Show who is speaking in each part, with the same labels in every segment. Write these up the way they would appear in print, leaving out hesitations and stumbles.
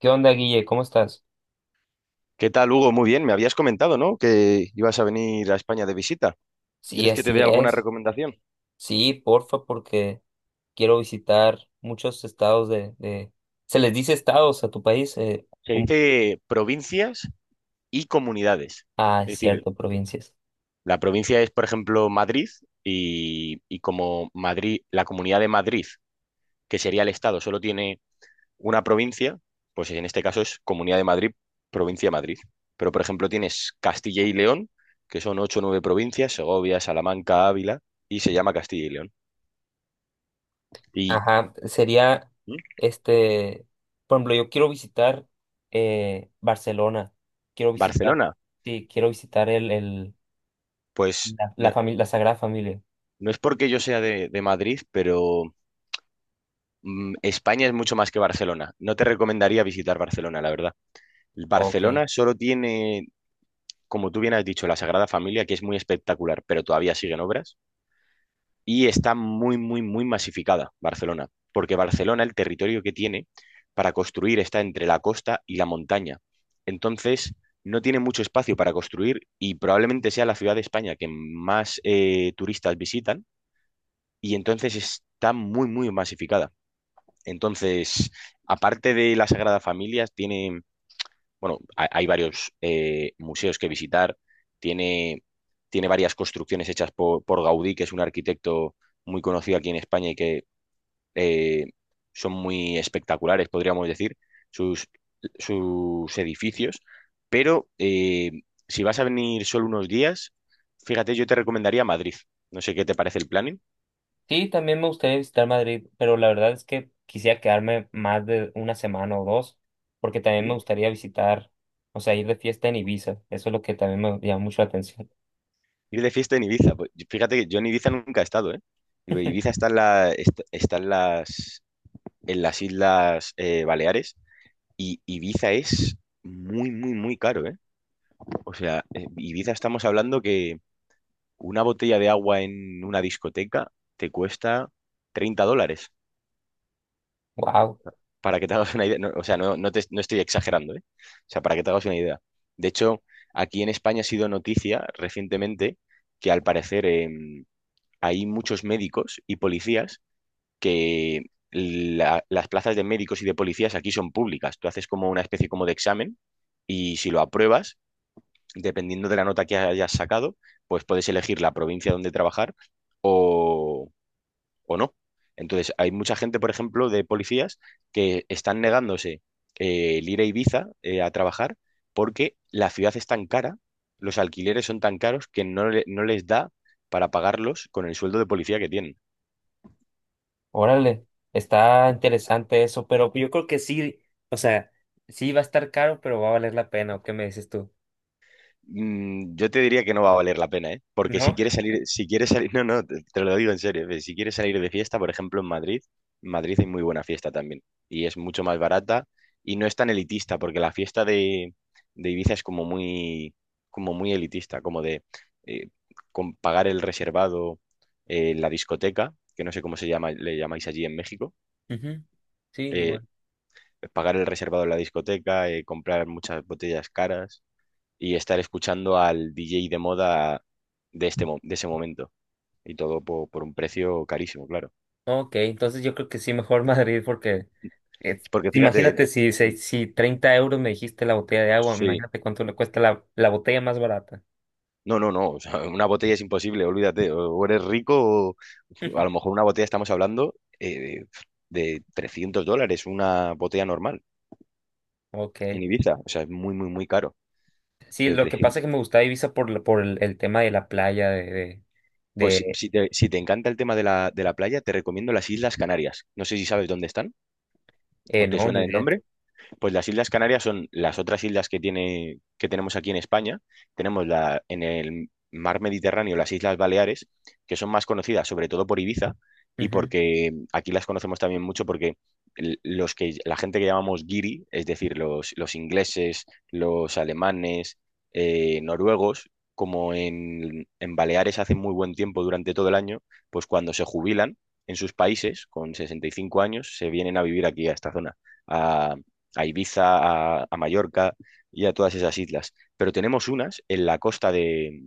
Speaker 1: ¿Qué onda, Guille? ¿Cómo estás?
Speaker 2: ¿Qué tal, Hugo? Muy bien, me habías comentado, ¿no? Que ibas a venir a España de visita.
Speaker 1: Sí,
Speaker 2: ¿Quieres que te
Speaker 1: así
Speaker 2: dé alguna
Speaker 1: es.
Speaker 2: recomendación?
Speaker 1: Sí, porfa, porque quiero visitar muchos estados de... ¿Se les dice estados a tu país?
Speaker 2: Se
Speaker 1: Un-
Speaker 2: dice provincias y comunidades.
Speaker 1: Ah, es
Speaker 2: Es decir,
Speaker 1: cierto, provincias.
Speaker 2: la provincia es, por ejemplo, Madrid y como Madrid, la comunidad de Madrid, que sería el estado, solo tiene una provincia, pues en este caso es Comunidad de Madrid, provincia de Madrid. Pero, por ejemplo, tienes Castilla y León, que son ocho o nueve provincias, Segovia, Salamanca, Ávila, y se llama Castilla y León. Y
Speaker 1: Ajá, sería,
Speaker 2: ¿Mm?
Speaker 1: este, por ejemplo, yo quiero visitar Barcelona. Quiero visitar,
Speaker 2: Barcelona.
Speaker 1: sí, quiero visitar
Speaker 2: Pues no,
Speaker 1: la Sagrada Familia.
Speaker 2: no es porque yo sea de Madrid, pero España es mucho más que Barcelona. No te recomendaría visitar Barcelona, la verdad.
Speaker 1: Ok.
Speaker 2: Barcelona solo tiene, como tú bien has dicho, la Sagrada Familia, que es muy espectacular, pero todavía siguen obras. Y está muy, muy, muy masificada Barcelona, porque Barcelona, el territorio que tiene para construir está entre la costa y la montaña. Entonces, no tiene mucho espacio para construir y probablemente sea la ciudad de España que más turistas visitan y entonces está muy, muy masificada. Entonces, aparte de la Sagrada Familia, tiene, bueno, hay varios museos que visitar, tiene, tiene varias construcciones hechas por Gaudí, que es un arquitecto muy conocido aquí en España y que eh, son muy espectaculares, podríamos decir, sus, sus edificios, pero si vas a venir solo unos días, fíjate, yo te recomendaría Madrid. No sé qué te parece el planning.
Speaker 1: Sí, también me gustaría visitar Madrid, pero la verdad es que quisiera quedarme más de una semana o dos, porque también me gustaría visitar, o sea, ir de fiesta en Ibiza. Eso es lo que también me llama mucho la atención.
Speaker 2: Ir de fiesta en Ibiza. Pues, fíjate que yo en Ibiza nunca he estado, ¿eh? Digo, Ibiza está en, está en las Islas Baleares y Ibiza es muy, muy, muy caro, ¿eh? O sea, Ibiza estamos hablando que una botella de agua en una discoteca te cuesta 30 dólares,
Speaker 1: Wow,
Speaker 2: para que te hagas una idea. No, o sea, no, no, no estoy exagerando, ¿eh? O sea, para que te hagas una idea. De hecho, aquí en España ha sido noticia recientemente que al parecer, hay muchos médicos y policías que las plazas de médicos y de policías aquí son públicas. Tú haces como una especie como de examen y si lo apruebas, dependiendo de la nota que hayas sacado, pues puedes elegir la provincia donde trabajar o, o no. Entonces, hay mucha gente, por ejemplo, de policías que están negándose el ir a Ibiza a trabajar porque la ciudad es tan cara, los alquileres son tan caros que no les da para pagarlos con el sueldo de policía que tienen.
Speaker 1: órale, está interesante eso, pero yo creo que sí, o sea, sí va a estar caro, pero va a valer la pena, ¿o qué me dices tú?
Speaker 2: Yo te diría que no va a valer la pena, ¿eh? Porque
Speaker 1: ¿No?
Speaker 2: si quieres salir, no, no, te lo digo en serio, si quieres salir de fiesta, por ejemplo, en Madrid, hay muy buena fiesta también y es mucho más barata y no es tan elitista, porque la fiesta de Ibiza es como muy, elitista, como de eh, con pagar el reservado, la discoteca, que no sé cómo se llama, le llamáis allí en México,
Speaker 1: Ujú, sí,
Speaker 2: eh,
Speaker 1: igual.
Speaker 2: pagar el reservado en la discoteca, comprar muchas botellas caras y estar escuchando al DJ de moda de ese momento. Y todo un precio carísimo, claro.
Speaker 1: Ok, entonces yo creo que sí, mejor Madrid, porque eh,
Speaker 2: Porque fíjate,
Speaker 1: imagínate si, si 30 euros me dijiste la botella de agua,
Speaker 2: sí,
Speaker 1: imagínate cuánto le cuesta la botella más barata.
Speaker 2: no, no, no, o sea, una botella es imposible, olvídate, o eres rico, o, o a lo mejor una botella estamos hablando eh, de 300 dólares, una botella normal en
Speaker 1: Ok.
Speaker 2: Ibiza, o sea, es muy, muy, muy caro.
Speaker 1: Sí,
Speaker 2: Pero
Speaker 1: lo que pasa es
Speaker 2: 300,
Speaker 1: que me gustaba Ibiza por, por el tema de la playa, de, de,
Speaker 2: pues si
Speaker 1: de
Speaker 2: si te, si te encanta el tema de la playa, te recomiendo las Islas Canarias. No sé si sabes dónde están o te
Speaker 1: no, ni
Speaker 2: suena el
Speaker 1: idea.
Speaker 2: nombre. Pues las Islas Canarias son las otras islas que tiene, que tenemos aquí en España. Tenemos en el mar Mediterráneo las Islas Baleares, que son más conocidas sobre todo por Ibiza y
Speaker 1: Ujú,
Speaker 2: porque aquí las conocemos también mucho porque la gente que llamamos giri, es decir, los ingleses, los alemanes, noruegos, como en, Baleares hace muy buen tiempo durante todo el año, pues cuando se jubilan en sus países con 65 años, se vienen a vivir aquí a esta zona a, a Ibiza, a Mallorca y a todas esas islas. Pero tenemos unas en la costa de,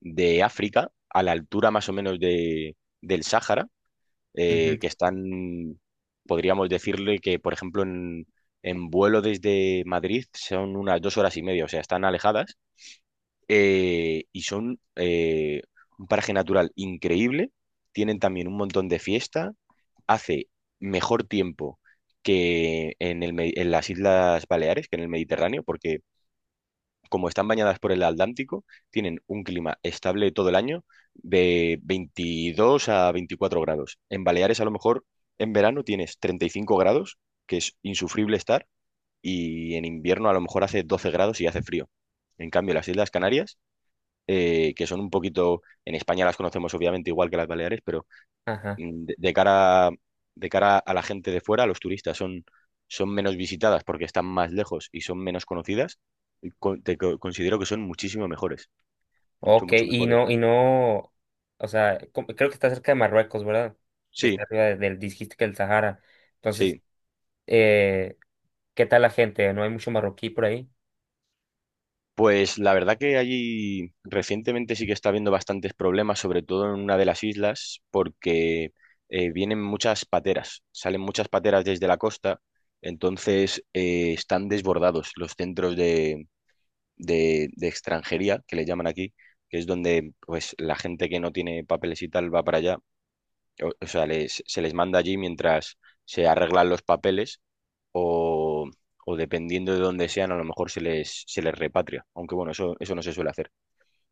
Speaker 2: de África, a la altura más o menos del Sáhara, que
Speaker 1: ujú,
Speaker 2: están, podríamos decirle que, por ejemplo, en, vuelo desde Madrid son unas 2 horas y media, o sea, están alejadas y son un paraje natural increíble. Tienen también un montón de fiesta. Hace mejor tiempo que en las Islas Baleares, que en el Mediterráneo, porque como están bañadas por el Atlántico, tienen un clima estable todo el año de 22 a 24 grados. En Baleares a lo mejor en verano tienes 35 grados, que es insufrible estar, y en invierno a lo mejor hace 12 grados y hace frío. En cambio, las Islas Canarias que son un poquito, en España las conocemos obviamente igual que las Baleares, pero
Speaker 1: ajá.
Speaker 2: mm, de, de cara, de cara a la gente de fuera, a los turistas, son, menos visitadas porque están más lejos y son menos conocidas, y considero que son muchísimo mejores, mucho,
Speaker 1: Ok,
Speaker 2: mucho mejores.
Speaker 1: y no, o sea, creo que está cerca de Marruecos, ¿verdad? Que está
Speaker 2: Sí,
Speaker 1: arriba del, dijiste que el Sahara. Entonces,
Speaker 2: sí.
Speaker 1: eh, ¿qué tal la gente? ¿No hay mucho marroquí por ahí?
Speaker 2: Pues la verdad que allí recientemente sí que está habiendo bastantes problemas, sobre todo en una de las islas, porque vienen muchas pateras, salen muchas pateras desde la costa, entonces están desbordados los centros de extranjería, que le llaman aquí, que es donde pues la gente que no tiene papeles y tal va para allá, o sea, se les manda allí mientras se arreglan los papeles o, dependiendo de dónde sean, a lo mejor se les repatria, aunque bueno, eso no se suele hacer.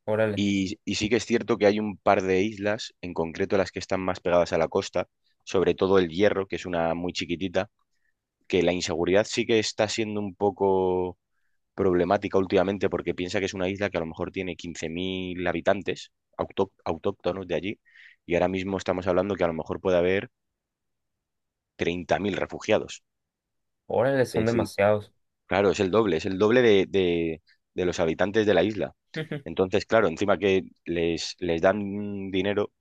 Speaker 1: Órale.
Speaker 2: Y sí que es cierto que hay un par de islas, en concreto las que están más pegadas a la costa, sobre todo el Hierro, que es una muy chiquitita, que la inseguridad sí que está siendo un poco problemática últimamente porque piensa que es una isla que a lo mejor tiene 15.000 habitantes autóctonos de allí y ahora mismo estamos hablando que a lo mejor puede haber 30.000 refugiados.
Speaker 1: Órale, son
Speaker 2: Es
Speaker 1: demasiados.
Speaker 2: Claro, es el doble de los habitantes de la isla.
Speaker 1: Ujú,
Speaker 2: Entonces, claro, encima que les dan dinero,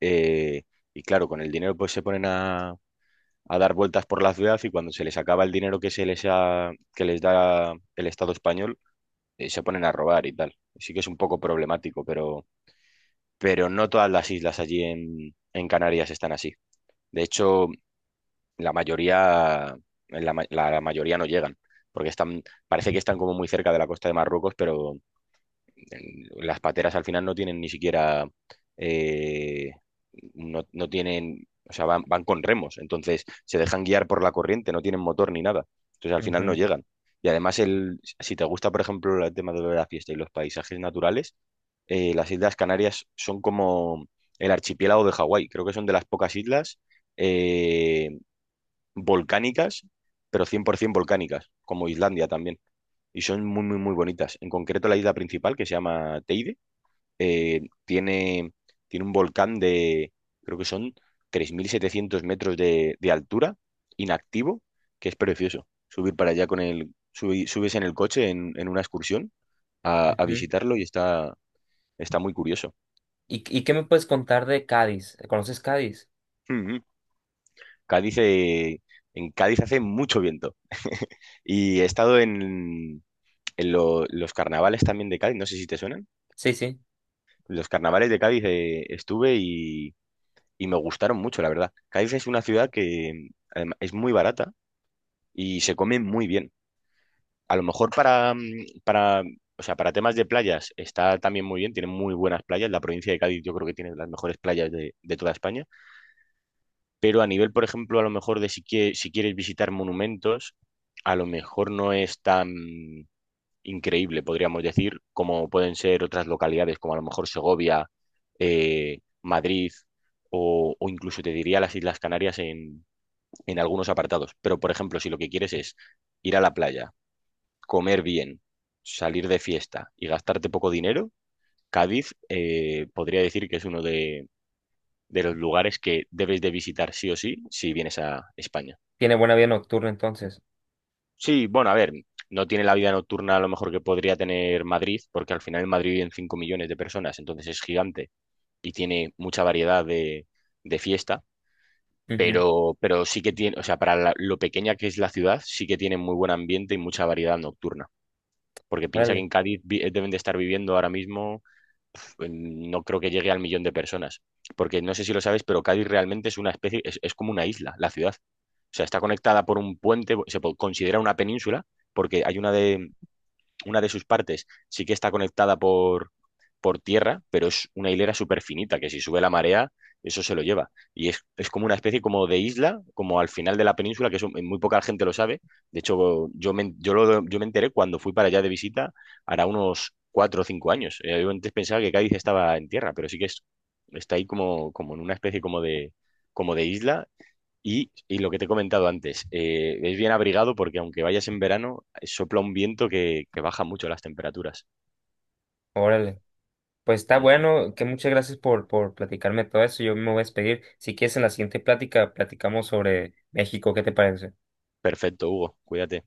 Speaker 2: eh, y claro, con el dinero pues se ponen a dar vueltas por la ciudad y cuando se les acaba el dinero que les da el Estado español, se ponen a robar y tal. Sí que es un poco problemático, pero, no todas las islas allí en, Canarias están así. De hecho, la mayoría, no llegan, porque están, parece que están como muy cerca de la costa de Marruecos, pero las pateras al final no tienen ni siquiera, eh, no tienen, o sea, van, con remos, entonces se dejan guiar por la corriente, no tienen motor ni nada, entonces al final no
Speaker 1: ujú,
Speaker 2: llegan. Y además, si te gusta, por ejemplo, el tema de la fiesta y los paisajes naturales, las Islas Canarias son como el archipiélago de Hawái, creo que son de las pocas islas. eh, volcánicas, pero 100% volcánicas, como Islandia también. Y son muy, muy, muy bonitas. En concreto, la isla principal, que se llama Teide, tiene, un volcán de, creo que son 3.700 metros de altura, inactivo, que es precioso. Subir para allá con subes en el coche en, una excursión a
Speaker 1: ujú.
Speaker 2: visitarlo y está, muy curioso.
Speaker 1: Y qué me puedes contar de Cádiz? ¿Conoces Cádiz?
Speaker 2: Mm, mm. Cádiz, en Cádiz hace mucho viento. Y he estado en, los carnavales también de Cádiz, no sé si te suenan.
Speaker 1: Sí, sí.
Speaker 2: Los carnavales de Cádiz estuve y, me gustaron mucho, la verdad. Cádiz es una ciudad que es muy barata y se come muy bien. A lo mejor o sea, para temas de playas está también muy bien, tiene muy buenas playas. La provincia de Cádiz yo creo que tiene las mejores playas de toda España. Pero a nivel, por ejemplo, a lo mejor de si, si quieres visitar monumentos, a lo mejor no es tan increíble, podríamos decir, como pueden ser otras localidades, como a lo mejor Segovia, Madrid o incluso te diría las Islas Canarias en, algunos apartados. Pero, por ejemplo, si lo que quieres es ir a la playa, comer bien, salir de fiesta y gastarte poco dinero, Cádiz podría decir que es uno de los lugares que debes de visitar sí o sí si vienes a España.
Speaker 1: Tiene buena vida nocturna entonces.
Speaker 2: Sí, bueno, a ver, no tiene la vida nocturna a lo mejor que podría tener Madrid, porque al final en Madrid viven 5 millones de personas, entonces es gigante y tiene mucha variedad de fiesta,
Speaker 1: Ujú,
Speaker 2: pero, sí que tiene, o sea, para lo pequeña que es la ciudad, sí que tiene muy buen ambiente y mucha variedad nocturna, porque piensa que
Speaker 1: órale,
Speaker 2: en Cádiz deben de estar viviendo ahora mismo, no creo que llegue al millón de personas, porque no sé si lo sabes, pero Cádiz realmente es una especie, es como una isla, la ciudad. O sea, está conectada por un puente, considera una península, porque hay una de sus partes sí que está conectada por, tierra, pero es una hilera súper finita, que si sube la marea, eso se lo lleva. Y es, como una especie como de isla, como al final de la península, que eso muy poca gente lo sabe. De hecho, yo me enteré cuando fui para allá de visita, hará unos 4 o 5 años. Yo antes pensaba que Cádiz estaba en tierra, pero sí que es, está ahí como, como en una especie como de isla y, lo que te he comentado antes, es bien abrigado porque aunque vayas en verano, sopla un viento que baja mucho las temperaturas.
Speaker 1: órale. Pues está
Speaker 2: Mm.
Speaker 1: bueno, que muchas gracias por platicarme todo eso. Yo me voy a despedir. Si quieres, en la siguiente plática platicamos sobre México. ¿Qué te parece?
Speaker 2: Perfecto, Hugo, cuídate.